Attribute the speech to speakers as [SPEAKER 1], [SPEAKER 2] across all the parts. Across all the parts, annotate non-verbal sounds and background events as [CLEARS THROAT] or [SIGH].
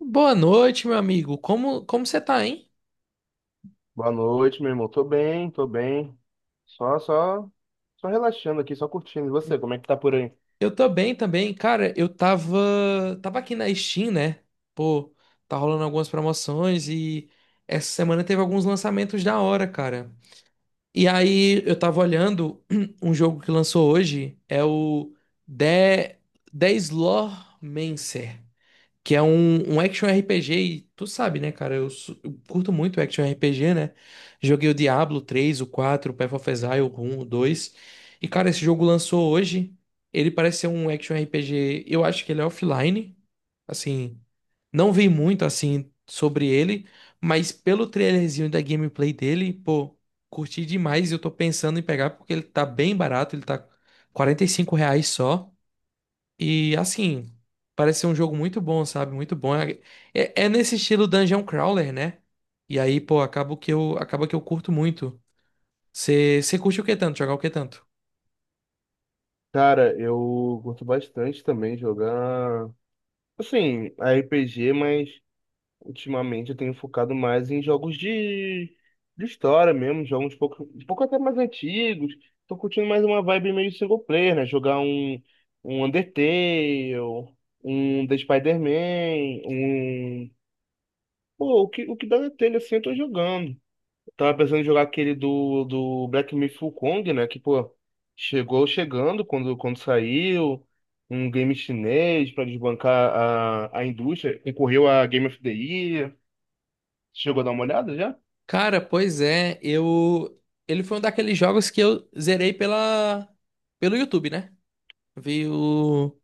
[SPEAKER 1] Boa noite, meu amigo. Como você tá, hein?
[SPEAKER 2] Boa noite, meu irmão. Tô bem, tô bem. Só, só, só relaxando aqui, só curtindo. E você, como é que tá por aí?
[SPEAKER 1] Eu tô bem também. Cara, eu tava aqui na Steam, né? Pô, tá rolando algumas promoções e essa semana teve alguns lançamentos da hora, cara. E aí eu tava olhando [CLEARS THROAT] um jogo que lançou hoje, é o The The Slawmancer. Que é um action RPG, e tu sabe, né, cara? Eu curto muito action RPG, né? Joguei o Diablo 3 o 4 o Path of Exile, o um o 2. E, cara, esse jogo lançou hoje. Ele parece ser um action RPG. Eu acho que ele é offline. Assim, não vi muito, assim, sobre ele. Mas pelo trailerzinho da gameplay dele, pô, curti demais. E eu tô pensando em pegar porque ele tá bem barato. Ele tá R$ 45 reais só. E assim, parece ser um jogo muito bom, sabe? Muito bom. É nesse estilo Dungeon Crawler, né? E aí, pô, acaba que eu curto muito. Você curte o que tanto? Jogar o que tanto?
[SPEAKER 2] Cara, eu curto bastante também jogar, assim, RPG, mas ultimamente eu tenho focado mais em jogos de história mesmo, jogos um pouco até mais antigos. Tô curtindo mais uma vibe meio single player, né? Jogar um Undertale, um The Spider-Man, um... Pô, o que dá na telha assim eu tô jogando. Tava pensando em jogar aquele do Black Myth: Wukong, né? Que, pô, chegou chegando quando saiu. Um game chinês pra desbancar a indústria. Concorreu a Game of the Year. Chegou a dar uma olhada já?
[SPEAKER 1] Cara, pois é, eu. Ele foi um daqueles jogos que eu zerei pelo YouTube, né? Veio.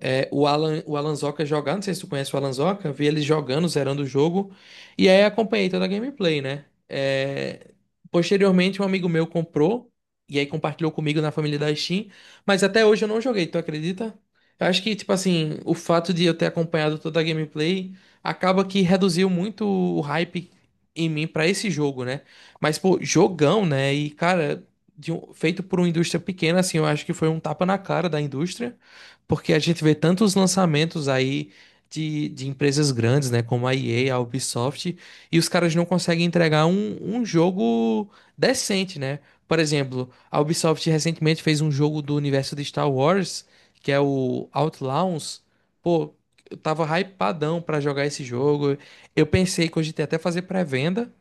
[SPEAKER 1] O Alan, o Alan Zoca é jogar, não sei se tu conhece o Alan Zoca, vi ele jogando, zerando o jogo, e aí acompanhei toda a gameplay, né? É, posteriormente, um amigo meu comprou, e aí compartilhou comigo na família da Steam, mas até hoje eu não joguei, tu acredita? Eu acho que, tipo assim, o fato de eu ter acompanhado toda a gameplay acaba que reduziu muito o hype em mim pra esse jogo, né? Mas, pô, jogão, né? E, cara, feito por uma indústria pequena, assim, eu acho que foi um tapa na cara da indústria. Porque a gente vê tantos lançamentos aí de empresas grandes, né? Como a EA, a Ubisoft, e os caras não conseguem entregar um jogo decente, né? Por exemplo, a Ubisoft recentemente fez um jogo do universo de Star Wars, que é o Outlaws. Pô, eu tava hypadão pra jogar esse jogo. Eu pensei que hoje ia até fazer pré-venda,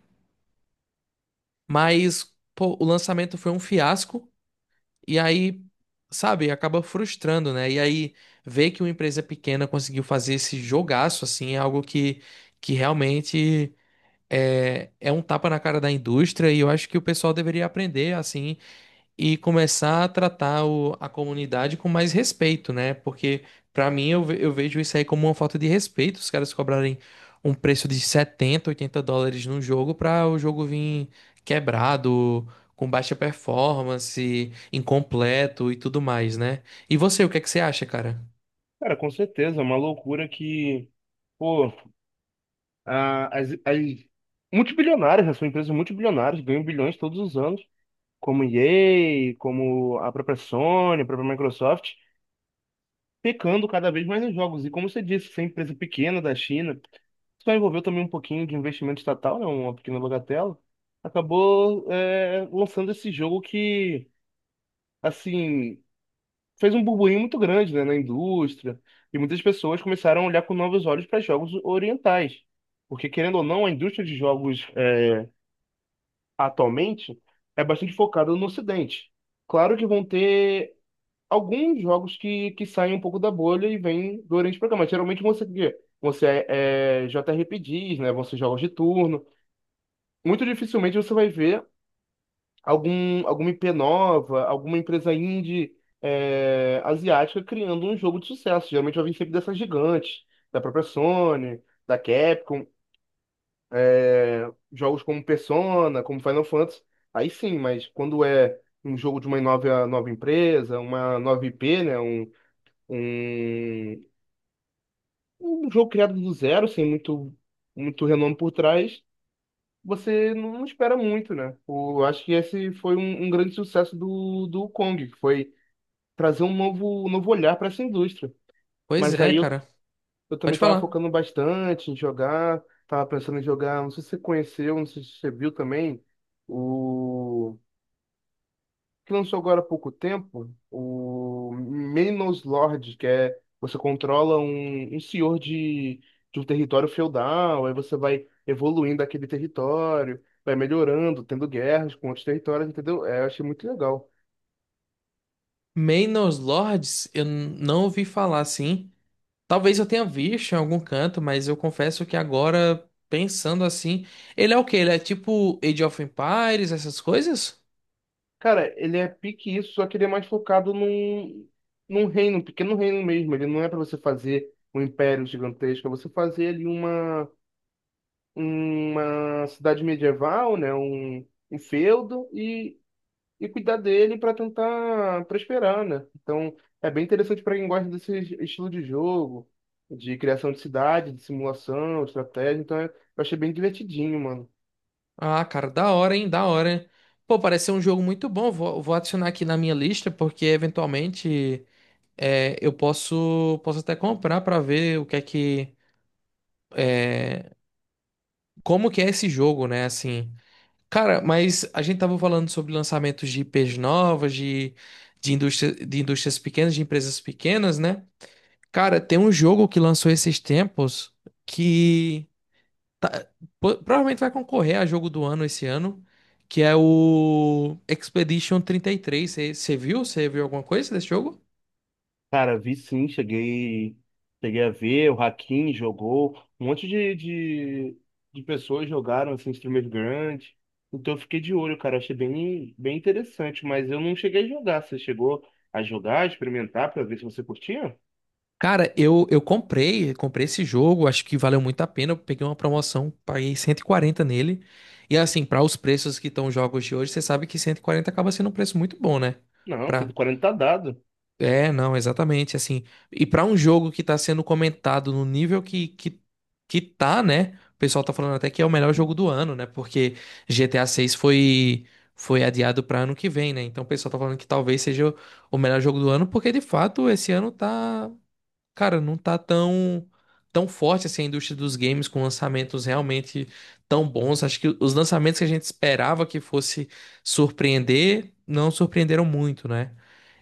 [SPEAKER 1] mas pô, o lançamento foi um fiasco. E aí, sabe, acaba frustrando, né? E aí, ver que uma empresa pequena conseguiu fazer esse jogaço, assim, é algo que realmente é um tapa na cara da indústria. E eu acho que o pessoal deveria aprender, assim, e começar a tratar a comunidade com mais respeito, né? Porque pra mim eu vejo isso aí como uma falta de respeito, os caras cobrarem um preço de 70, 80 dólares num jogo pra o jogo vir quebrado, com baixa performance, incompleto e tudo mais, né? E você, o que é que você acha, cara?
[SPEAKER 2] Cara, com certeza. É uma loucura que, pô, as multibilionárias, né? São empresas multibilionárias, ganham bilhões todos os anos. Como EA, como a própria Sony, a própria Microsoft. Pecando cada vez mais nos jogos. E como você disse, essa empresa pequena da China, só envolveu também um pouquinho de investimento estatal, né, uma pequena bagatela, acabou lançando esse jogo que, assim, fez um burburinho muito grande, né, na indústria, e muitas pessoas começaram a olhar com novos olhos para jogos orientais. Porque, querendo ou não, a indústria de jogos atualmente é bastante focada no Ocidente. Claro que vão ter alguns jogos que saem um pouco da bolha e vêm durante o programa. Geralmente você, é JRPGs, né? Vão ser jogos de turno. Muito dificilmente você vai ver alguma IP nova, alguma empresa indie asiática criando um jogo de sucesso. Geralmente vai vir sempre dessas gigantes, da própria Sony, da Capcom, jogos como Persona, como Final Fantasy. Aí sim, mas quando é um jogo de uma nova empresa, uma nova IP, né? Um, um jogo criado do zero, sem muito, muito renome por trás, você não espera muito, né? Eu acho que esse foi um grande sucesso do Kong, que foi trazer um novo olhar para essa indústria.
[SPEAKER 1] Pois
[SPEAKER 2] Mas
[SPEAKER 1] é,
[SPEAKER 2] aí
[SPEAKER 1] cara.
[SPEAKER 2] eu também
[SPEAKER 1] Pode
[SPEAKER 2] estava
[SPEAKER 1] falar.
[SPEAKER 2] focando bastante em jogar, estava pensando em jogar, não sei se você conheceu, não sei se você viu também, o que lançou agora há pouco tempo, o Menos Lord, que é você controla um senhor de um território feudal, aí você vai evoluindo aquele território, vai melhorando, tendo guerras com outros territórios, entendeu? É, eu achei muito legal.
[SPEAKER 1] Manor Lords, eu não ouvi falar assim. Talvez eu tenha visto em algum canto, mas eu confesso que agora, pensando assim, ele é o quê? Ele é tipo Age of Empires, essas coisas?
[SPEAKER 2] Cara, ele é pique isso, só que ele é mais focado num reino, um pequeno reino mesmo. Ele não é para você fazer um império gigantesco, é você fazer ali uma cidade medieval, né? Um feudo e cuidar dele para tentar prosperar, né? Então, é bem interessante para quem gosta desse estilo de jogo, de criação de cidade, de simulação, de estratégia. Então, eu achei bem divertidinho, mano.
[SPEAKER 1] Ah, cara, da hora, hein? Da hora, hein? Pô, parece ser um jogo muito bom. Vou adicionar aqui na minha lista, porque eventualmente eu posso até comprar pra ver o que é que. é, Como que é esse jogo, né? Assim. Cara, mas a gente tava falando sobre lançamentos de IPs novas, indústria, de indústrias pequenas, de empresas pequenas, né? Cara, tem um jogo que lançou esses tempos que tá- provavelmente vai concorrer a jogo do ano esse ano, que é o Expedition 33. Você viu? Você viu alguma coisa desse jogo?
[SPEAKER 2] Cara, vi sim, cheguei a ver, o Hakim jogou, um monte de pessoas jogaram, assim, streamers grandes. Então eu fiquei de olho, cara, achei bem, bem interessante, mas eu não cheguei a jogar. Você chegou a jogar, a experimentar pra ver se você curtia?
[SPEAKER 1] Cara, comprei esse jogo, acho que valeu muito a pena. Eu peguei uma promoção, paguei 140 nele. E assim, para os preços que estão os jogos de hoje, você sabe que 140 acaba sendo um preço muito bom, né?
[SPEAKER 2] Não, cento
[SPEAKER 1] Pra,
[SPEAKER 2] e quarenta tá dado.
[SPEAKER 1] é, não, exatamente, assim. E pra um jogo que tá sendo comentado no nível que tá, né? O pessoal tá falando até que é o melhor jogo do ano, né? Porque GTA 6 foi adiado pra ano que vem, né? Então o pessoal tá falando que talvez seja o melhor jogo do ano, porque de fato esse ano tá. Cara, não tá tão forte assim a indústria dos games com lançamentos realmente tão bons. Acho que os lançamentos que a gente esperava que fosse surpreender, não surpreenderam muito, né?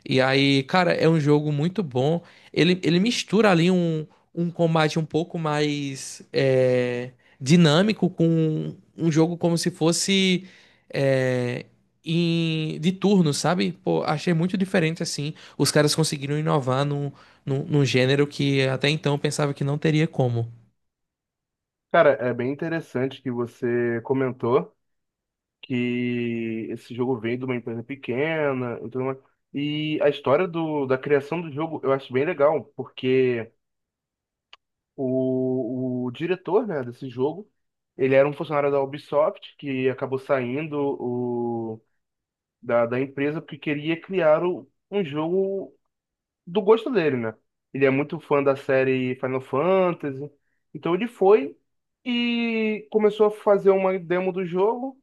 [SPEAKER 1] E aí, cara, é um jogo muito bom. Ele mistura ali um combate um pouco mais dinâmico com um jogo como se fosse é, de turno, sabe? Pô, achei muito diferente assim. Os caras conseguiram inovar num gênero que até então eu pensava que não teria como.
[SPEAKER 2] Cara, é bem interessante que você comentou que esse jogo veio de uma empresa pequena e tudo mais. E a história da criação do jogo eu acho bem legal, porque o diretor, né, desse jogo, ele era um funcionário da Ubisoft que acabou saindo da empresa porque queria criar um jogo do gosto dele, né? Ele é muito fã da série Final Fantasy. Então ele foi e começou a fazer uma demo do jogo.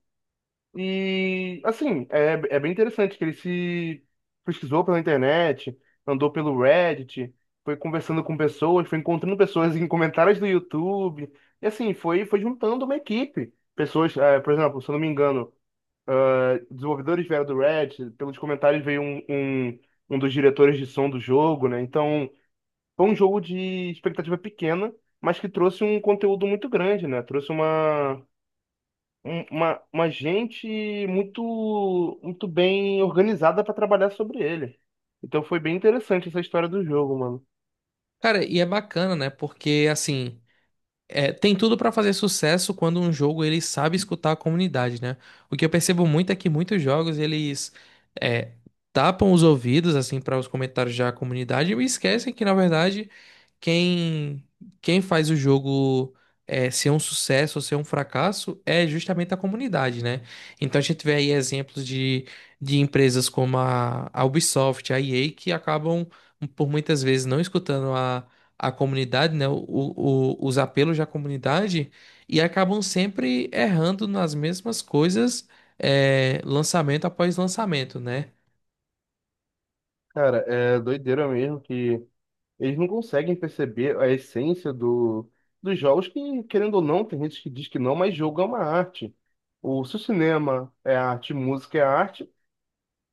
[SPEAKER 2] E assim, é bem interessante que ele se pesquisou pela internet, andou pelo Reddit, foi conversando com pessoas, foi encontrando pessoas em comentários do YouTube. E assim, foi juntando uma equipe. Pessoas, por exemplo, se eu não me engano desenvolvedores vieram do Reddit, pelos comentários veio um dos diretores de som do jogo, né? Então, foi um jogo de expectativa pequena, mas que trouxe um conteúdo muito grande, né? Trouxe uma gente muito, muito bem organizada para trabalhar sobre ele. Então, foi bem interessante essa história do jogo, mano.
[SPEAKER 1] Cara, e é bacana, né? Porque assim, é, tem tudo pra fazer sucesso quando um jogo ele sabe escutar a comunidade, né? O que eu percebo muito é que muitos jogos é, tapam os ouvidos assim para os comentários da comunidade e esquecem que na verdade quem quem faz o jogo ser um sucesso ou ser um fracasso é justamente a comunidade, né? Então a gente vê aí exemplos de empresas como a Ubisoft, a EA, que acabam por muitas vezes não escutando a comunidade, né? Os apelos da comunidade e acabam sempre errando nas mesmas coisas, lançamento após lançamento, né?
[SPEAKER 2] Cara, é doideira mesmo que eles não conseguem perceber a essência dos jogos, que, querendo ou não, tem gente que diz que não, mas jogo é uma arte. O, se o cinema é arte, música é arte,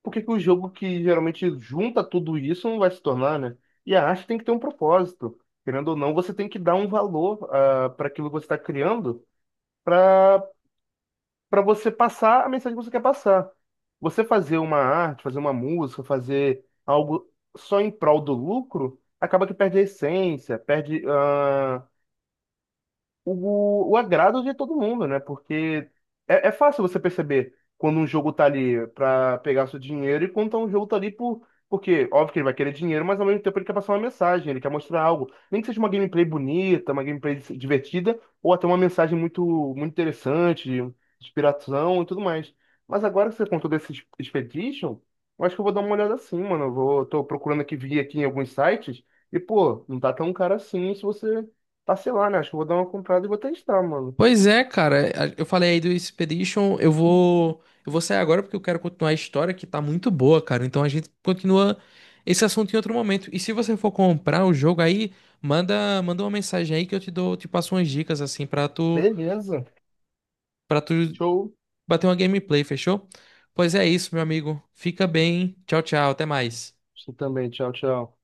[SPEAKER 2] por que que o jogo que geralmente junta tudo isso não vai se tornar, né? E a arte tem que ter um propósito. Querendo ou não, você tem que dar um valor, para aquilo que você está criando, para você passar a mensagem que você quer passar. Você fazer uma arte, fazer uma música, fazer algo só em prol do lucro, acaba que perde a essência, perde. O agrado de todo mundo, né? Porque é fácil você perceber quando um jogo tá ali pra pegar seu dinheiro e quando tá um jogo tá ali por. Porque, óbvio que ele vai querer dinheiro, mas ao mesmo tempo ele quer passar uma mensagem, ele quer mostrar algo. Nem que seja uma gameplay bonita, uma gameplay divertida, ou até uma mensagem muito, muito interessante, de inspiração e tudo mais. Mas agora que você contou desse Expedition, eu acho que eu vou dar uma olhada assim, mano. Eu vou, tô procurando aqui, vi aqui em alguns sites, e pô, não tá tão caro assim se você tá sei lá né? Acho que eu vou dar uma comprada e vou testar, mano.
[SPEAKER 1] Pois é, cara, eu falei aí do Expedition, eu vou sair agora porque eu quero continuar a história que tá muito boa, cara. Então a gente continua esse assunto em outro momento. E se você for comprar o jogo aí, manda uma mensagem aí que eu te dou, te passo umas dicas assim pra
[SPEAKER 2] Beleza.
[SPEAKER 1] tu
[SPEAKER 2] Show.
[SPEAKER 1] bater uma gameplay, fechou? Pois é isso, meu amigo. Fica bem. Tchau, tchau, até mais.
[SPEAKER 2] Você também. Tchau, tchau.